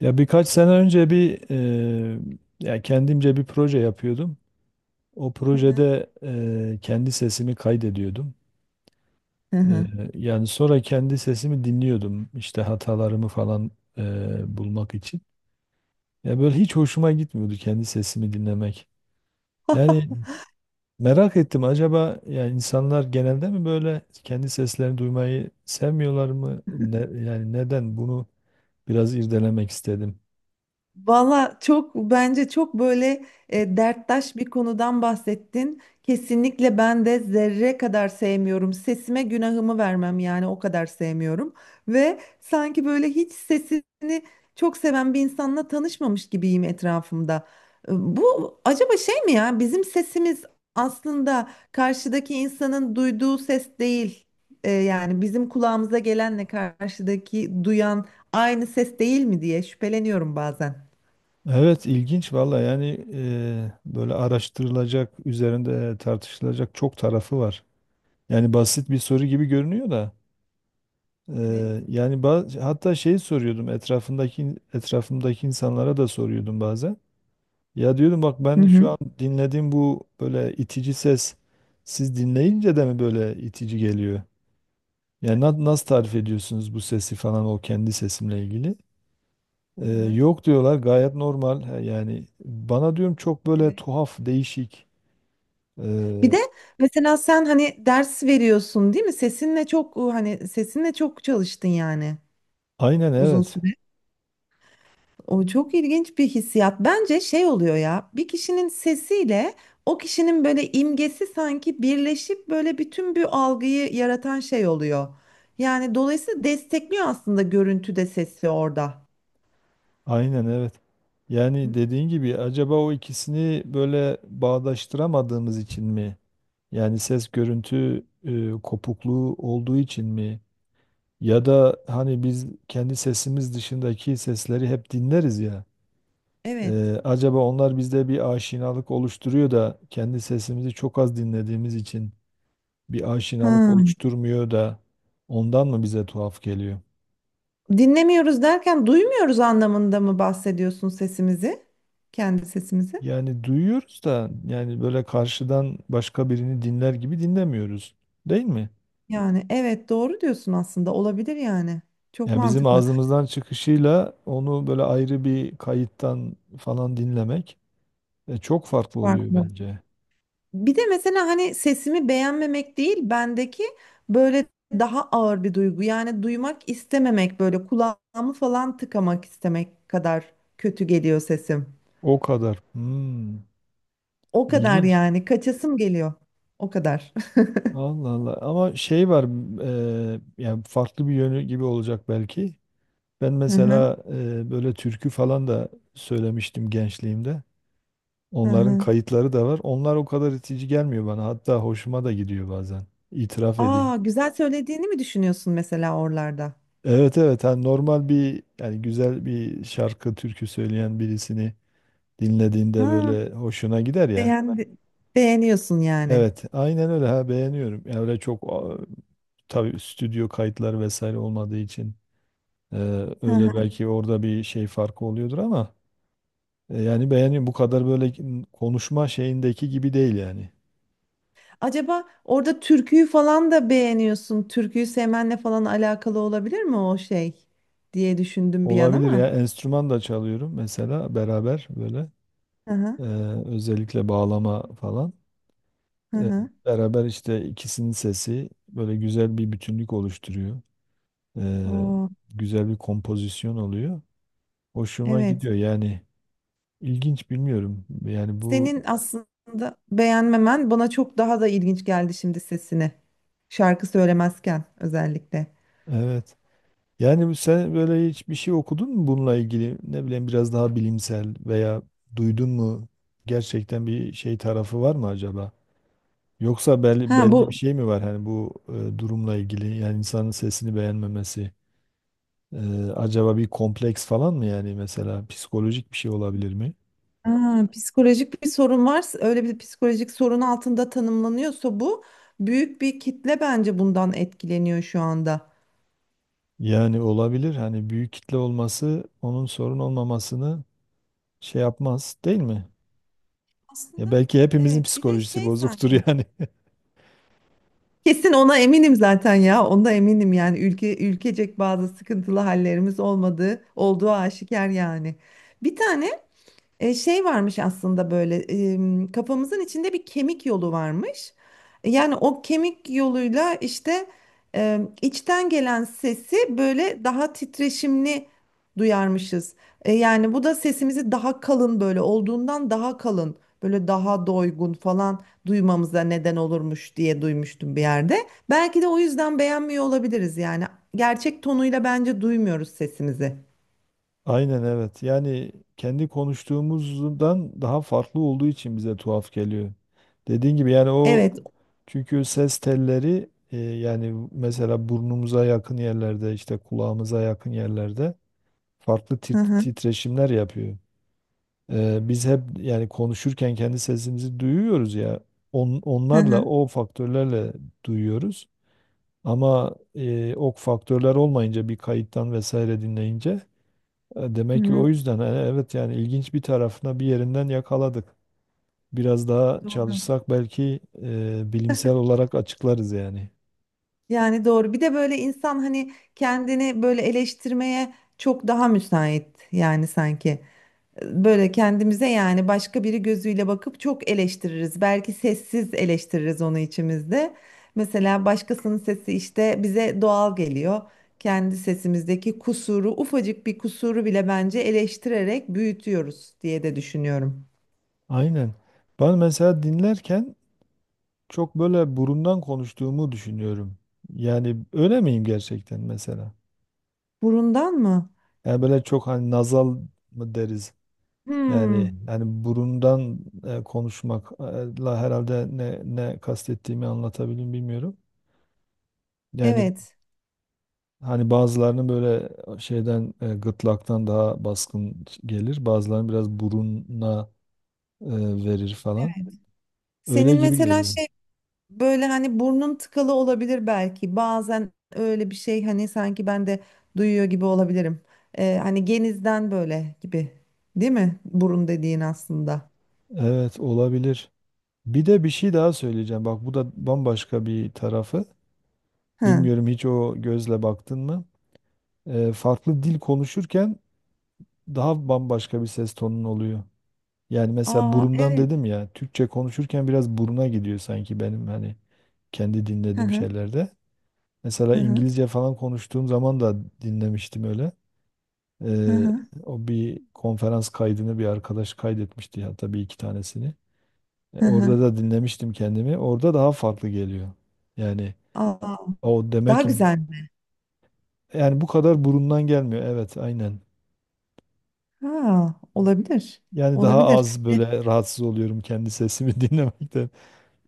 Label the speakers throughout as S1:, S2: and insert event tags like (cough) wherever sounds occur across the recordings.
S1: Ya birkaç sene önce bir ya kendimce bir proje yapıyordum. O
S2: Hı hı.
S1: projede kendi sesimi kaydediyordum.
S2: Hı
S1: Eee,
S2: hı.
S1: Yani sonra kendi sesimi dinliyordum işte hatalarımı falan bulmak için. Ya böyle hiç hoşuma gitmiyordu kendi sesimi dinlemek. Yani
S2: (laughs)
S1: merak ettim, acaba ya insanlar genelde mi böyle kendi seslerini duymayı sevmiyorlar mı? Yani neden bunu biraz irdelemek istedim.
S2: Valla çok bence çok böyle derttaş bir konudan bahsettin. Kesinlikle ben de zerre kadar sevmiyorum. Sesime günahımı vermem yani o kadar sevmiyorum. Ve sanki böyle hiç sesini çok seven bir insanla tanışmamış gibiyim etrafımda. Bu acaba şey mi, ya bizim sesimiz aslında karşıdaki insanın duyduğu ses değil. Yani bizim kulağımıza gelenle karşıdaki duyan aynı ses değil mi diye şüpheleniyorum bazen.
S1: Evet, ilginç valla. Yani böyle araştırılacak, üzerinde tartışılacak çok tarafı var. Yani basit bir soru gibi görünüyor da
S2: Evet.
S1: yani hatta şeyi soruyordum, etrafımdaki insanlara da soruyordum bazen. Ya diyordum, bak,
S2: Hı
S1: ben şu
S2: hı.
S1: an dinlediğim bu böyle itici ses, siz dinleyince de mi böyle itici geliyor? Yani nasıl tarif ediyorsunuz bu sesi falan, o kendi sesimle ilgili?
S2: Hı hı.
S1: Yok diyorlar, gayet normal. Ha. Yani bana diyorum çok böyle
S2: Evet.
S1: tuhaf, değişik.
S2: Bir
S1: Ee,
S2: de mesela sen hani ders veriyorsun, değil mi? Sesinle çok hani sesinle çok çalıştın yani
S1: aynen
S2: uzun
S1: evet.
S2: süre. O çok ilginç bir hissiyat. Bence şey oluyor ya. Bir kişinin sesiyle o kişinin böyle imgesi sanki birleşip böyle bütün bir algıyı yaratan şey oluyor. Yani dolayısıyla destekliyor aslında görüntü de sesi orada.
S1: Aynen evet. Yani dediğin gibi, acaba o ikisini böyle bağdaştıramadığımız için mi? Yani ses görüntü kopukluğu olduğu için mi? Ya da hani biz kendi sesimiz dışındaki sesleri hep dinleriz ya.
S2: Evet.
S1: Acaba onlar bizde bir aşinalık oluşturuyor da kendi sesimizi çok az dinlediğimiz için bir aşinalık
S2: Ha.
S1: oluşturmuyor da ondan mı bize tuhaf geliyor?
S2: Dinlemiyoruz derken duymuyoruz anlamında mı bahsediyorsun sesimizi? Kendi sesimizi?
S1: Yani duyuyoruz da, yani böyle karşıdan başka birini dinler gibi dinlemiyoruz. Değil mi?
S2: Yani evet doğru diyorsun, aslında olabilir yani. Çok
S1: Yani bizim
S2: mantıklı.
S1: ağzımızdan çıkışıyla onu böyle ayrı bir kayıttan falan dinlemek çok farklı oluyor
S2: Farklı.
S1: bence.
S2: Bir de mesela hani sesimi beğenmemek değil, bendeki böyle daha ağır bir duygu. Yani duymak istememek, böyle kulağımı falan tıkamak istemek kadar kötü geliyor sesim.
S1: O kadar. Hmm,
S2: O kadar
S1: ilginç.
S2: yani, kaçasım geliyor. O kadar. (laughs)
S1: Allah Allah. Ama şey var, yani farklı bir yönü gibi olacak belki. Ben
S2: Hı hı,
S1: mesela böyle türkü falan da söylemiştim gençliğimde.
S2: hı
S1: Onların
S2: hı.
S1: kayıtları da var. Onlar o kadar itici gelmiyor bana. Hatta hoşuma da gidiyor bazen. İtiraf edeyim.
S2: Aa, güzel söylediğini mi düşünüyorsun mesela oralarda?
S1: Evet evet, hani normal bir, yani güzel bir şarkı türkü söyleyen birisini dinlediğinde
S2: Ha,
S1: böyle hoşuna gider ya.
S2: beğendi. Beğeniyorsun yani.
S1: Evet, aynen öyle, ha, beğeniyorum. Yani öyle çok tabii stüdyo kayıtları vesaire olmadığı için e,
S2: Hı hı.
S1: öyle belki orada bir şey farkı oluyordur ama yani beğeniyorum. Bu kadar böyle konuşma şeyindeki gibi değil yani.
S2: Acaba orada türküyü falan da beğeniyorsun. Türküyü sevmenle falan alakalı olabilir mi o şey diye düşündüm bir an
S1: Olabilir ya.
S2: ama.
S1: Enstrüman da çalıyorum mesela beraber böyle.
S2: Hı hı,
S1: Ee, özellikle bağlama falan.
S2: hı
S1: Ee,
S2: hı.
S1: beraber işte ikisinin sesi böyle güzel bir bütünlük oluşturuyor. Ee,
S2: Oo,
S1: güzel bir kompozisyon oluyor. Hoşuma
S2: evet.
S1: gidiyor yani. İlginç bilmiyorum. Yani bu
S2: Senin aslında beğenmemen bana çok daha da ilginç geldi şimdi sesini. Şarkı söylemezken özellikle.
S1: evet. Yani sen böyle hiçbir şey okudun mu bununla ilgili? Ne bileyim, biraz daha bilimsel veya duydun mu? Gerçekten bir şey tarafı var mı acaba? Yoksa belli,
S2: Ha
S1: belli bir
S2: bu
S1: şey mi var hani bu durumla ilgili, yani insanın sesini beğenmemesi, e, acaba bir kompleks falan mı, yani mesela psikolojik bir şey olabilir mi?
S2: ha, psikolojik bir sorun varsa, öyle bir psikolojik sorun altında tanımlanıyorsa bu, büyük bir kitle bence bundan etkileniyor şu anda.
S1: Yani olabilir, hani büyük kitle olması onun sorun olmamasını şey yapmaz değil mi? Ya
S2: Aslında
S1: belki hepimizin
S2: evet, bir de
S1: psikolojisi
S2: şey
S1: bozuktur
S2: sanki.
S1: yani. (laughs)
S2: Kesin ona eminim zaten ya. Onda eminim yani, ülke ülkecek bazı sıkıntılı hallerimiz olmadığı olduğu aşikar yani. Bir tane şey varmış aslında, böyle kafamızın içinde bir kemik yolu varmış. Yani o kemik yoluyla işte içten gelen sesi böyle daha titreşimli duyarmışız. Yani bu da sesimizi daha kalın, böyle olduğundan daha kalın, böyle daha doygun falan duymamıza neden olurmuş diye duymuştum bir yerde. Belki de o yüzden beğenmiyor olabiliriz yani. Gerçek tonuyla bence duymuyoruz sesimizi.
S1: Aynen evet. Yani kendi konuştuğumuzdan daha farklı olduğu için bize tuhaf geliyor. Dediğin gibi yani, o
S2: Evet.
S1: çünkü ses telleri yani mesela burnumuza yakın yerlerde, işte kulağımıza yakın yerlerde farklı
S2: Hı hı.
S1: titreşimler yapıyor. E, biz hep yani konuşurken kendi sesimizi duyuyoruz ya,
S2: Hı
S1: onlarla,
S2: hı.
S1: o faktörlerle duyuyoruz. Ama o faktörler olmayınca, bir kayıttan vesaire dinleyince,
S2: Hı
S1: demek ki
S2: hı.
S1: o yüzden. Evet, yani ilginç bir tarafına, bir yerinden yakaladık. Biraz daha
S2: Doğru.
S1: çalışsak belki bilimsel olarak açıklarız yani.
S2: Yani doğru. Bir de böyle insan hani kendini böyle eleştirmeye çok daha müsait yani, sanki. Böyle kendimize yani başka biri gözüyle bakıp çok eleştiririz. Belki sessiz eleştiririz onu içimizde. Mesela başkasının sesi işte bize doğal geliyor. Kendi sesimizdeki kusuru, ufacık bir kusuru bile bence eleştirerek büyütüyoruz diye de düşünüyorum.
S1: Aynen. Ben mesela dinlerken çok böyle burundan konuştuğumu düşünüyorum. Yani öyle miyim gerçekten mesela?
S2: Burundan mı?
S1: Yani böyle çok, hani nazal mı deriz? Yani
S2: Hmm,
S1: yani burundan konuşmakla herhalde ne kastettiğimi anlatabilirim, bilmiyorum. Yani
S2: evet.
S1: hani bazılarının böyle şeyden, gırtlaktan daha baskın gelir. Bazılarının biraz buruna e, verir falan. Öyle
S2: Senin
S1: gibi
S2: mesela
S1: geliyor.
S2: şey Böyle hani, burnun tıkalı olabilir belki. Bazen öyle bir şey hani, sanki ben de duyuyor gibi olabilirim. Hani genizden böyle gibi. Değil mi? Burun dediğin aslında.
S1: Evet, olabilir. Bir de bir şey daha söyleyeceğim. Bak, bu da bambaşka bir tarafı.
S2: Hı.
S1: Bilmiyorum, hiç o gözle baktın mı? E, farklı dil konuşurken daha bambaşka bir ses tonun oluyor. Yani mesela
S2: Aa,
S1: burundan
S2: evet.
S1: dedim ya. Türkçe konuşurken biraz buruna gidiyor sanki benim, hani kendi
S2: Hı
S1: dinlediğim
S2: hı.
S1: şeylerde. Mesela
S2: Hı hı.
S1: İngilizce falan konuştuğum zaman da dinlemiştim öyle.
S2: Hı
S1: Ee,
S2: hı.
S1: o bir konferans kaydını bir arkadaş kaydetmişti, hatta bir iki tanesini. E,
S2: Hı hı.
S1: orada da dinlemiştim kendimi. Orada daha farklı geliyor. Yani
S2: Aa,
S1: o demek
S2: daha
S1: ki
S2: güzel mi?
S1: yani bu kadar burundan gelmiyor. Evet, aynen.
S2: Ha, olabilir.
S1: Yani daha
S2: Olabilir.
S1: az
S2: E,
S1: böyle rahatsız oluyorum kendi sesimi (laughs) dinlemekten.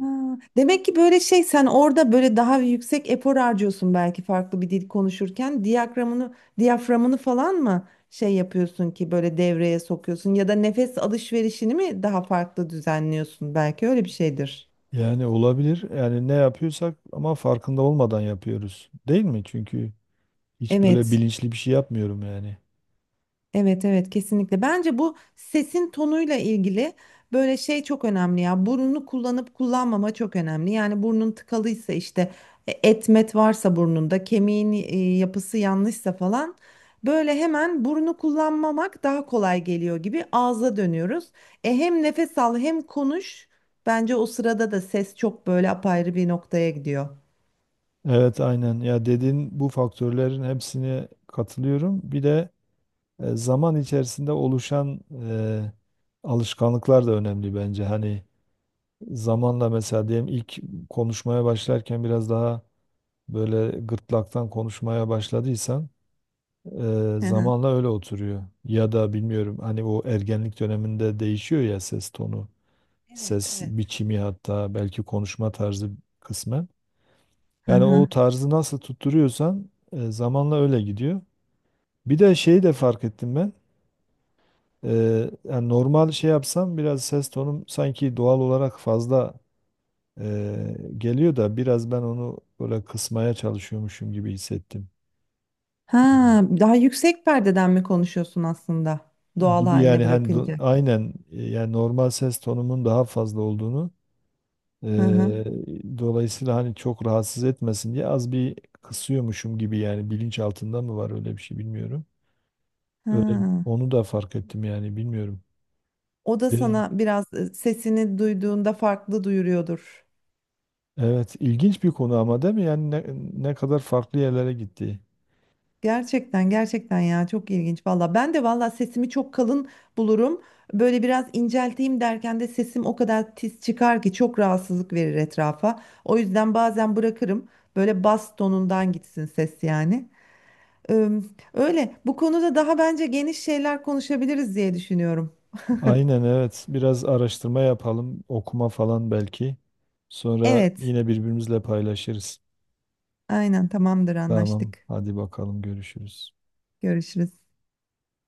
S2: Ha, demek ki böyle şey, sen orada böyle daha yüksek efor harcıyorsun belki, farklı bir dil konuşurken diyaframını falan mı şey yapıyorsun ki böyle devreye sokuyorsun, ya da nefes alışverişini mi daha farklı düzenliyorsun, belki öyle bir şeydir.
S1: Yani olabilir. Yani ne yapıyorsak ama farkında olmadan yapıyoruz. Değil mi? Çünkü hiç böyle
S2: Evet.
S1: bilinçli bir şey yapmıyorum yani.
S2: Evet, evet, kesinlikle. Bence bu sesin tonuyla ilgili böyle şey çok önemli ya. Burnunu kullanıp kullanmama çok önemli. Yani burnun tıkalıysa işte, etmet varsa burnunda, kemiğin yapısı yanlışsa falan, böyle hemen burnu kullanmamak daha kolay geliyor gibi ağza dönüyoruz. E, hem nefes al hem konuş. Bence o sırada da ses çok böyle apayrı bir noktaya gidiyor.
S1: Evet aynen ya, dediğin bu faktörlerin hepsine katılıyorum. Bir de zaman içerisinde oluşan e, alışkanlıklar da önemli bence. Hani zamanla mesela diyelim, ilk konuşmaya başlarken biraz daha böyle gırtlaktan konuşmaya başladıysan
S2: Hı hı.
S1: zamanla öyle oturuyor. Ya da bilmiyorum, hani o ergenlik döneminde değişiyor ya ses tonu,
S2: Evet,
S1: ses
S2: evet.
S1: biçimi, hatta belki konuşma tarzı kısmen.
S2: Hı
S1: Yani o
S2: hı.
S1: tarzı nasıl tutturuyorsan zamanla öyle gidiyor. Bir de şeyi de fark ettim ben. E, yani normal şey yapsam biraz ses tonum sanki doğal olarak fazla geliyor da biraz ben onu böyle kısmaya çalışıyormuşum gibi hissettim.
S2: Ha,
S1: Yani
S2: daha yüksek perdeden mi konuşuyorsun aslında? Doğal
S1: gibi
S2: haline
S1: yani hani
S2: bırakınca.
S1: aynen, yani normal ses tonumun daha fazla olduğunu, e,
S2: Hı hı.
S1: dolayısıyla hani çok rahatsız etmesin diye az bir kısıyormuşum gibi, yani bilinç altında mı var öyle bir şey bilmiyorum. Öyle,
S2: Ha.
S1: onu da fark ettim yani, bilmiyorum.
S2: O da
S1: De,
S2: sana biraz sesini duyduğunda farklı duyuruyordur.
S1: evet, ilginç bir konu ama değil mi? Yani ne kadar farklı yerlere gitti.
S2: Gerçekten, gerçekten ya, çok ilginç valla. Ben de valla sesimi çok kalın bulurum. Böyle biraz incelteyim derken de sesim o kadar tiz çıkar ki çok rahatsızlık verir etrafa. O yüzden bazen bırakırım. Böyle bas tonundan gitsin ses yani. Ee, Öyle, bu konuda daha bence geniş şeyler konuşabiliriz diye düşünüyorum.
S1: Aynen evet. Biraz araştırma yapalım, okuma falan belki. Sonra
S2: Evet,
S1: yine birbirimizle paylaşırız.
S2: aynen, tamamdır,
S1: Tamam,
S2: anlaştık.
S1: hadi bakalım, görüşürüz.
S2: Görüşürüz.